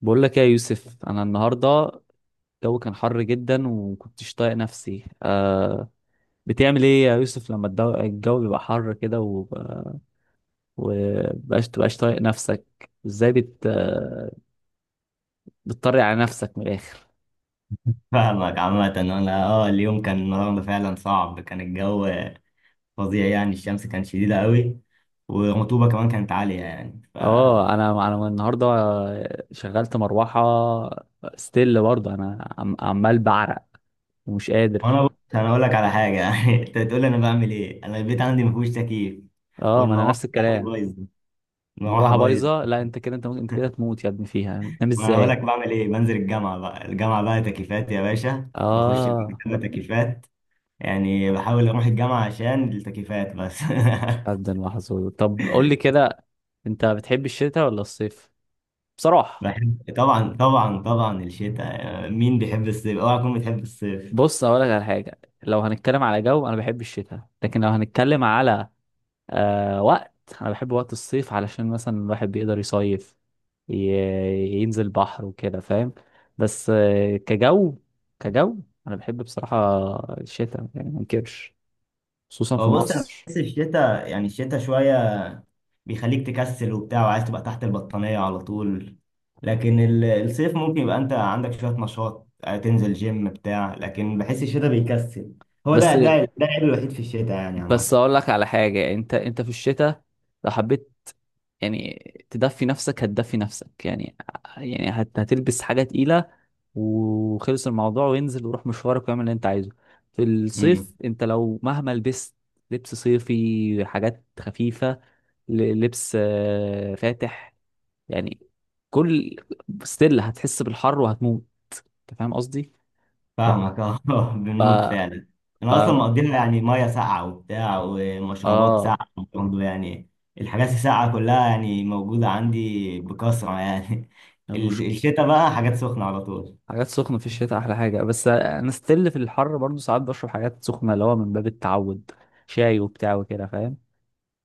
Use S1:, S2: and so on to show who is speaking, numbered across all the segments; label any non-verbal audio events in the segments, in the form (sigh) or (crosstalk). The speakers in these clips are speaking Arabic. S1: بقول لك إيه يا يوسف، انا النهارده الجو كان حر جدا وكنتش طايق نفسي. بتعمل ايه يا يوسف لما الجو بيبقى حر كده تبقاش طايق نفسك ازاي بت آه، بتطري على نفسك من الاخر؟
S2: فاهمك. عامة أنا اليوم كان النهاردة فعلا صعب، كان الجو فظيع يعني، الشمس كانت شديدة قوي، والرطوبة كمان كانت عالية يعني. ف
S1: اه، انا النهارده شغلت مروحه، ستيل برضه انا عمال بعرق ومش قادر.
S2: وأنا بص أنا أقول لك على حاجة. (laughs) يعني أنت تقول لي أنا بعمل إيه، أنا البيت عندي مفيهوش تكييف،
S1: اه، ما انا
S2: والمروحة
S1: نفس
S2: بتاعتي
S1: الكلام.
S2: بايظة، المروحة
S1: المروحه
S2: بايظة
S1: بايظه، لا انت كده، انت ممكن انت
S2: (laughs)
S1: كده تموت يا ابني، فيها تنام
S2: وأنا هقول
S1: ازاي؟
S2: لك بعمل إيه، بنزل الجامعة بقى، الجامعة بقى تكييفات يا باشا، وأخش
S1: اه،
S2: المكتبة تكييفات، يعني بحاول أروح الجامعة عشان التكييفات بس. (laughs)
S1: قد المحظوظ. طب قول لي كده، انت بتحب الشتاء ولا الصيف بصراحة؟
S2: بحب طبعا الشتاء، مين بيحب الصيف؟ اوعى تكون بتحب الصيف.
S1: بص اقول لك على حاجة، لو هنتكلم على جو انا بحب الشتاء، لكن لو هنتكلم على وقت انا بحب وقت الصيف علشان مثلا الواحد بيقدر يصيف، ي- ينزل بحر وكده فاهم. بس كجو انا بحب بصراحة الشتاء، يعني ما انكرش، خصوصا في
S2: هو بص، انا
S1: مصر.
S2: بحس الشتاء يعني الشتاء شويه بيخليك تكسل وبتاع، وعايز تبقى تحت البطانيه على طول، لكن الصيف ممكن يبقى انت عندك شويه نشاط، تنزل جيم بتاع لكن بحس الشتاء بيكسل. هو
S1: بس
S2: ده العيب الوحيد في الشتاء يعني عامه.
S1: بس اقول لك على حاجة، انت في الشتاء لو حبيت يعني تدفي نفسك هتدفي نفسك يعني، يعني هتلبس حاجة تقيلة وخلص الموضوع، وانزل وروح مشوارك واعمل اللي انت عايزه. في الصيف، انت لو مهما لبست لبس صيفي حاجات خفيفة، لبس فاتح يعني، كل ستيل هتحس بالحر وهتموت. انت فاهم قصدي؟ ف...
S2: فاهمك اه. (laughs)
S1: ف...
S2: بنموت فعلا.
S1: ف...
S2: انا اصلا مقضيها يعني ميه ساقعه وبتاع، ومشروبات
S1: اه،
S2: ساقعه برضه يعني، الحاجات الساقعه كلها يعني موجوده عندي بكثره يعني. (laughs) الشتاء بقى حاجات سخنه على طول.
S1: حاجات سخنة في الشتاء أحلى حاجة، بس أنا ستيل في الحر برضو ساعات بشرب حاجات سخنة، اللي هو من باب التعود، شاي وبتاع وكده فاهم.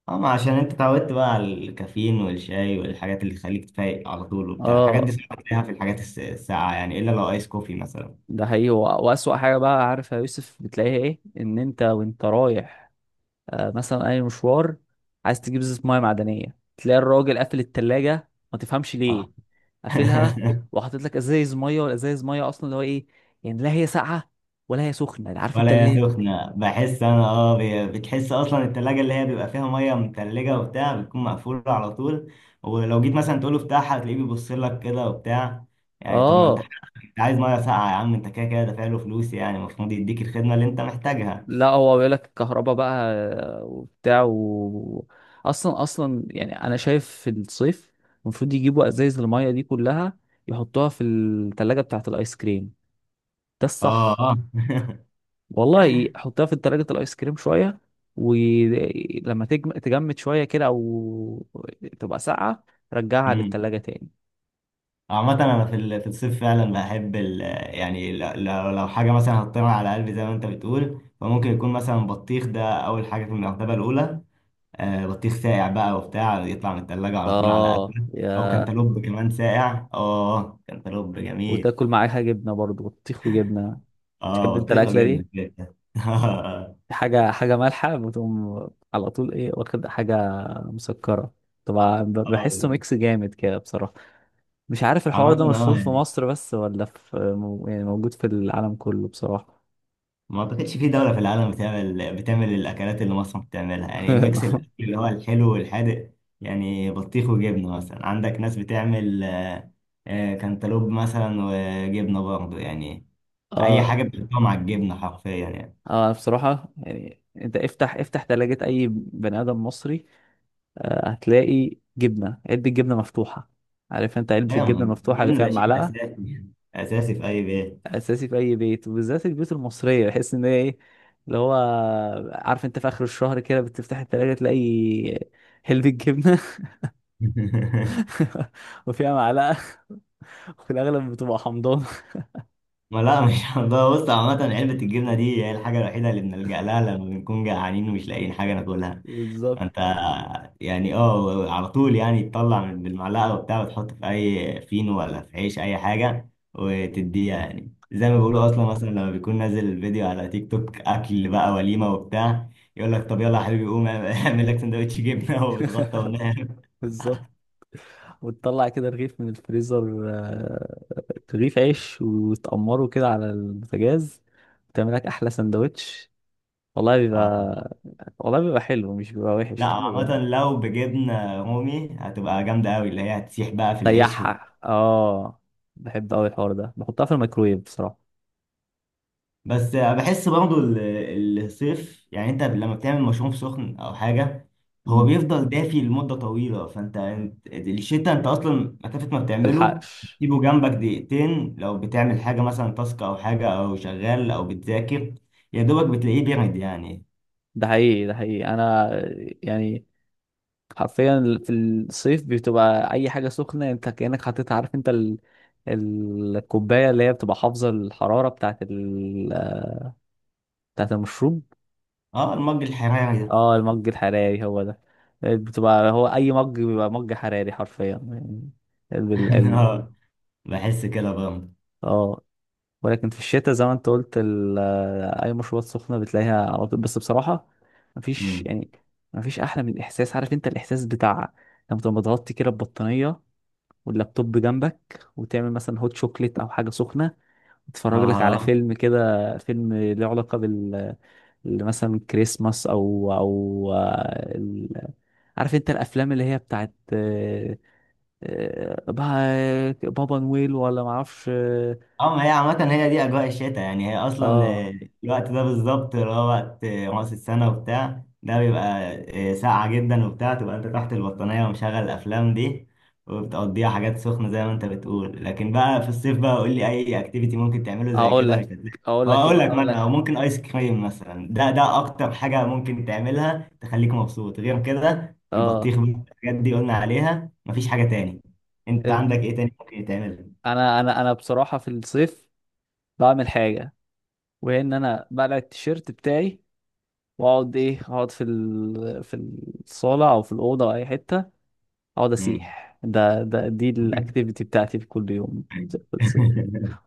S2: اما عشان انت اتعودت بقى على الكافيين والشاي والحاجات اللي تخليك تفايق على طول وبتاع، الحاجات
S1: اه،
S2: دي صعب تلاقيها في الحاجات الساقعه يعني، الا لو ايس كوفي مثلا.
S1: ده حقيقي، وأسوأ حاجة بقى عارف يا يوسف بتلاقيها إيه؟ إن أنت وأنت رايح مثلا أي مشوار، عايز تجيب زيت، مية معدنية، تلاقي الراجل قافل التلاجة ما تفهمش ليه
S2: اه.
S1: قافلها،
S2: (laughs)
S1: وحاطط لك ازايز مية، والازايز مية أصلا اللي هو إيه يعني، لا هي ساقعة ولا هي سخنة، عارف أنت
S2: ولا
S1: اللي هي.
S2: هي سخنة، بحس أنا بتحس أصلا التلاجة اللي هي بيبقى فيها مية متلجة وبتاع بتكون مقفولة على طول، ولو جيت مثلا تقوله افتحها هتلاقيه بيبص لك كده وبتاع، يعني طب ما أنت،
S1: اه،
S2: أنت عايز مية ساقعة يا عم، أنت كده كده دافع له فلوس يعني، المفروض يديك الخدمة اللي أنت محتاجها.
S1: لا هو بيقول لك الكهرباء بقى، وبتاع اصلا يعني انا شايف في الصيف المفروض يجيبوا ازايز المية دي كلها يحطوها في التلاجة بتاعة الايس كريم، ده
S2: أه
S1: الصح.
S2: أه. (laughs)
S1: والله حطها في تلاجة الايس كريم شوية، ولما تجمد شوية كده او تبقى ساقعة رجعها
S2: أمم.
S1: للتلاجة تاني.
S2: عامة أنا في في الصيف فعلا بحب ال، يعني لو حاجة مثلا هتطير على قلبي زي ما أنت بتقول، فممكن يكون مثلا بطيخ، ده أول حاجة في المرتبة الأولى، بطيخ ساقع بقى وبتاع، يطلع من التلاجة على طول على
S1: اه
S2: قبل، أو كانتالوب كمان ساقع، آه كانتالوب جميل.
S1: وتاكل معاها جبنة برضو، بطيخ وجبنة. تحب
S2: آه،
S1: انت
S2: بطيخة
S1: الاكلة
S2: وجبنة
S1: دي؟
S2: كده. (laughs)
S1: حاجة مالحة بتقوم على طول، ايه واخد حاجة مسكرة، طبعا، بحسه
S2: آه،
S1: ميكس جامد كده بصراحة. مش عارف الحوار ده
S2: عامة آه
S1: مشهور في
S2: يعني،
S1: مصر بس ولا في يعني موجود في العالم كله بصراحة.
S2: ما أعتقدش في دولة في العالم بتعمل الأكلات اللي مصر بتعملها، يعني ميكس
S1: (laughs)
S2: الأكل اللي هو الحلو والحادق، يعني بطيخ وجبنة مثلا، عندك ناس بتعمل كانتالوب مثلا وجبنة برضه يعني، أي
S1: اه،
S2: حاجة بتحطها مع الجبنة حرفيا يعني.
S1: اه، بصراحة يعني انت افتح تلاجة اي بني ادم مصري، هتلاقي جبنة، علبة جبنة مفتوحة، عارف انت علبة
S2: ايوه،
S1: الجبنة المفتوحة اللي
S2: الجبن
S1: فيها
S2: ده شيء
S1: المعلقة.
S2: اساسي، اساسي في اي بيت.
S1: اساسي في اي بيت، وبالذات البيوت المصريه، بحس ان هي ايه اللي هو، عارف انت في اخر الشهر كده بتفتح التلاجة تلاقي حلبة جبنه
S2: (laughs)
S1: (laughs) وفيها معلقه، وفي الاغلب بتبقى حمضان.
S2: ما لا مش (laughs) هنضيع. بص، عامة علبة الجبنة دي هي الحاجة الوحيدة اللي بنلجأ لها لما بنكون جعانين ومش لاقيين حاجة ناكلها.
S1: بالظبط
S2: انت يعني اه، على طول يعني تطلع من بالمعلقة وبتاع وتحط في اي فينو ولا في عيش اي حاجة وتديها، يعني زي ما بيقولوا، اصلا مثلا لما بيكون نازل فيديو على تيك توك اكل بقى وليمة وبتاع، يقول لك طب يلا يا حبيبي قوم اعمل لك سندوتش جبنة (laughs) وبتغطى ونام.
S1: بالظبط وتطلع كده رغيف من الفريزر، رغيف عيش وتقمره كده على البوتاجاز، وتعمل لك احلى سندوتش. والله
S2: اه.
S1: بيبقى والله بيبقى حلو، مش بيبقى
S2: لا
S1: وحش.
S2: عامة لو بجبنة رومي هتبقى جامدة أوي، اللي هي هتسيح بقى في العيش و...
S1: ريحها، اه، بحب قوي الحوار ده، بحطها في الميكرويف بصراحه.
S2: بس بحس برضو الصيف يعني، أنت لما بتعمل مشروب سخن أو حاجة، هو
S1: مم.
S2: بيفضل دافي لمدة طويلة، الشتا أنت أصلا مسافة ما بتعمله،
S1: تلحقش.
S2: تسيبه جنبك دقيقتين، لو بتعمل حاجة مثلا تاسك أو حاجة أو شغال أو بتذاكر، يا دوبك بتلاقيه بيرد يعني.
S1: ده حقيقي، انا يعني حرفيا في الصيف بتبقى اي حاجه سخنه انت كانك حطيتها، عارف انت الكوبايه اللي هي بتبقى حافظه الحراره بتاعت بتاعت المشروب.
S2: أه المج الحراري ده.
S1: اه، المج الحراري هو ده، بتبقى هو اي مج بيبقى مج حراري حرفيا يعني ال...
S2: (laughs)
S1: ال...
S2: أه، بحس كده برضه.
S1: اه. ولكن في الشتاء زي ما انت قلت، اي مشروبات سخنه بتلاقيها على طول، بس بصراحه مفيش
S2: أمم.
S1: يعني مفيش احلى من الاحساس، عارف انت الاحساس بتاع لما تبقى متغطي كده ببطانيه، واللابتوب جنبك، وتعمل مثلا هوت شوكليت او حاجه سخنه، وتتفرج لك على
S2: أه،
S1: فيلم كده، فيلم له علاقه بال، اللي مثلا كريسماس او عارف انت الافلام اللي هي بتاعت بابا نويل ولا معرفش، اه.
S2: اه ما هي عامة هي دي أجواء الشتاء يعني، هي أصلا
S1: آه.
S2: الوقت ده بالظبط، اللي هو وقت رأس السنة وبتاع، ده بيبقى ساقعة جدا وبتاع، تبقى أنت تحت البطانية ومشغل الأفلام دي، وبتقضيها حاجات سخنة زي ما أنت بتقول، لكن بقى في الصيف بقى قول لي أي أكتيفيتي ممكن تعمله زي
S1: اقول
S2: كده، مش
S1: لك
S2: هتلاقي.
S1: اقول
S2: هو
S1: لك
S2: أقول
S1: كده
S2: لك
S1: اقول
S2: مثلا، هو
S1: لك
S2: ممكن آيس كريم مثلا، ده أكتر حاجة ممكن تعملها تخليك مبسوط، غير كده
S1: اه،
S2: البطيخ بقى، الحاجات دي قلنا عليها، مفيش حاجة تاني. أنت عندك إيه تاني ممكن تعمله؟
S1: انا بصراحه في الصيف بعمل حاجه، وهي ان انا بقلع التيشيرت بتاعي واقعد ايه اقعد في الصاله او في الاوضه او اي حته اقعد
S2: مم.
S1: اسيح. ده ده دي
S2: (laughs)
S1: الاكتيفيتي بتاعتي في كل يوم
S2: (laughs)
S1: في الصيف.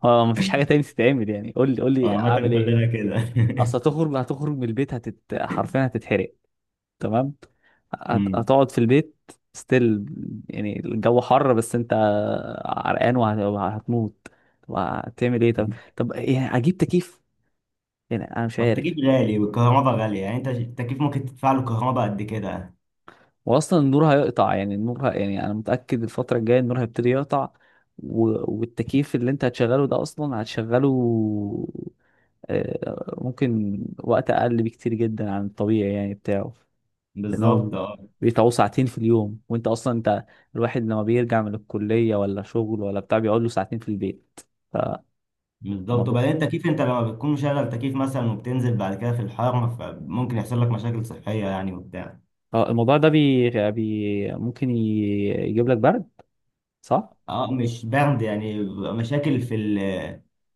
S1: اه، مفيش حاجه تاني تتعمل يعني، قول لي قول
S2: هو
S1: لي
S2: عامة
S1: اعمل ايه.
S2: كلنا كده.
S1: اصل
S2: (laughs)
S1: هتخرج، من البيت حرفيا هتتحرق. تمام،
S2: مم.
S1: هتقعد في البيت ستيل، يعني الجو حر، بس انت عرقان وهتموت. طب هتعمل ايه؟ طب يعني اجيب تكييف، يعني انا مش عارف.
S2: التكييف غالي والكهرباء غالية يعني، انت التكييف ممكن تدفع له كهرباء قد كده.
S1: واصلا النور هيقطع، يعني النور يعني انا متأكد الفترة الجاية النور هيبتدي يقطع و... والتكييف اللي انت هتشغله ده اصلا هتشغله ممكن وقت اقل بكتير جدا عن الطبيعي يعني بتاعه، لان هو
S2: بالظبط اه.
S1: بيتعوه ساعتين في اليوم، وانت اصلا انت الواحد لما بيرجع من الكليه ولا شغل ولا بتاع بيقعد له ساعتين في البيت.
S2: بالظبط،
S1: فالموضوع،
S2: وبعدين التكييف انت لما بتكون مشغل تكييف مثلا وبتنزل بعد كده في الحر، فممكن يحصل لك مشاكل صحية يعني وبتاع.
S1: اه، الموضوع ده ممكن يجيب لك برد، صح؟
S2: اه مش برد، يعني بيبقى مشاكل في ال،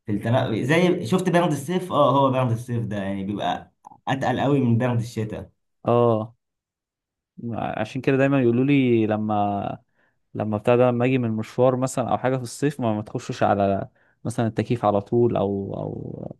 S2: في التنقل زي، شفت برد الصيف، اه هو برد الصيف ده يعني بيبقى اتقل قوي من برد الشتاء.
S1: اه، عشان كده دايما يقولوا لي لما، بتاع ده، لما اجي من مشوار مثلا او حاجه في الصيف ما تخشش على مثلا التكييف على طول،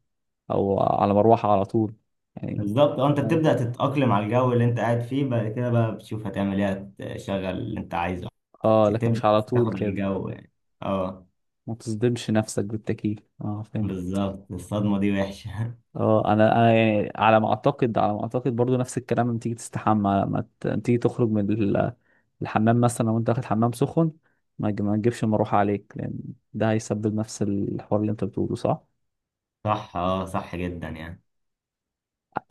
S1: او على مروحه على طول يعني.
S2: بالظبط اه، انت بتبدأ تتأقلم على الجو اللي انت قاعد فيه، بعد كده بقى بتشوف هتعمل ايه، تشغل اللي انت عايزه،
S1: اه، لكن
S2: تبدأ
S1: مش على
S2: بس
S1: طول
S2: تاخد على
S1: كده،
S2: الجو يعني. اه،
S1: ما تصدمش نفسك بالتكييف، اه، فهمت.
S2: بالظبط، الصدمة دي وحشة.
S1: اه، انا يعني على ما اعتقد، برضو نفس الكلام لما تيجي تستحمى، لما تيجي تخرج من الحمام مثلا. لو انت واخد حمام سخن ما تجيبش المروحه عليك، لان ده هيسبب نفس الحوار اللي انت بتقوله، صح؟
S2: (laughs) صح، اه صح جدا يعني.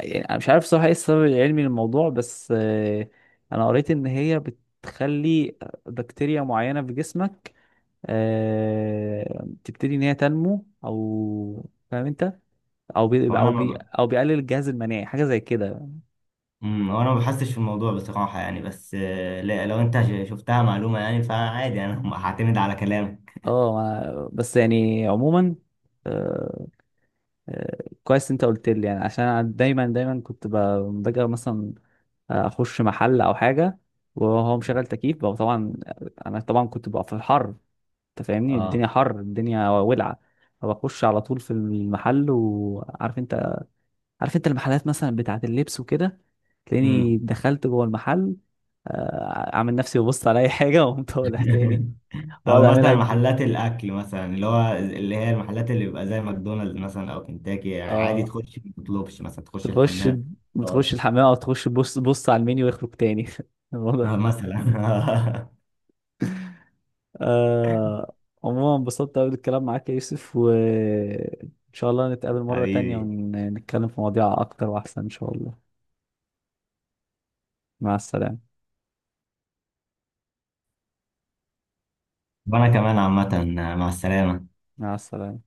S1: يعني انا مش عارف صراحه ايه السبب العلمي للموضوع، بس انا قريت ان هي بتخلي بكتيريا معينه في جسمك تبتدي ان هي تنمو، او فاهم انت،
S2: هو انا ما ب...
S1: او بيقلل الجهاز المناعي، حاجه زي كده.
S2: مم، هو انا ما بحسش في الموضوع بصراحة يعني، بس لا لو انت شفتها معلومة يعني فعادي، (laughs) انا هعتمد على كلامك.
S1: اه بس يعني عموما، آه، آه، كويس انت قلت لي، يعني عشان انا دايما كنت باجي مثلا اخش محل او حاجه، وهو مشغل تكييف بقى، طبعا انا طبعا كنت بقى في الحر، انت فاهمني،
S2: اه،
S1: الدنيا حر، الدنيا ولعه. فبخش على طول في المحل، وعارف انت المحلات مثلا بتاعه اللبس وكده، تلاقيني
S2: امم.
S1: دخلت جوه المحل، اعمل نفسي ببص على اي حاجه (laughs) وقمت طالع تاني.
S2: (laughs)
S1: بقعد
S2: او مثلا
S1: اعملها كتير.
S2: محلات الاكل مثلا، اللي هو اللي هي المحلات اللي بيبقى زي ماكدونالدز مثلا او كنتاكي، يعني عادي
S1: اه،
S2: تخش ما تطلبش، مثلا تخش
S1: تخش
S2: الحمام،
S1: بتخش
S2: تقعد،
S1: الحمام او تخش، بص بص على المنيو ويخرج تاني. (laughs) الموضوع
S2: مثلا.
S1: آه عموما انبسطت قوي بالكلام معاك يا يوسف، وان شاء الله نتقابل
S2: (laughs)
S1: مرة تانية
S2: حبيبي.
S1: ونتكلم في مواضيع اكتر واحسن ان شاء الله. مع السلامة.
S2: وانا كمان عامه، مع السلامه.
S1: مع السلامة.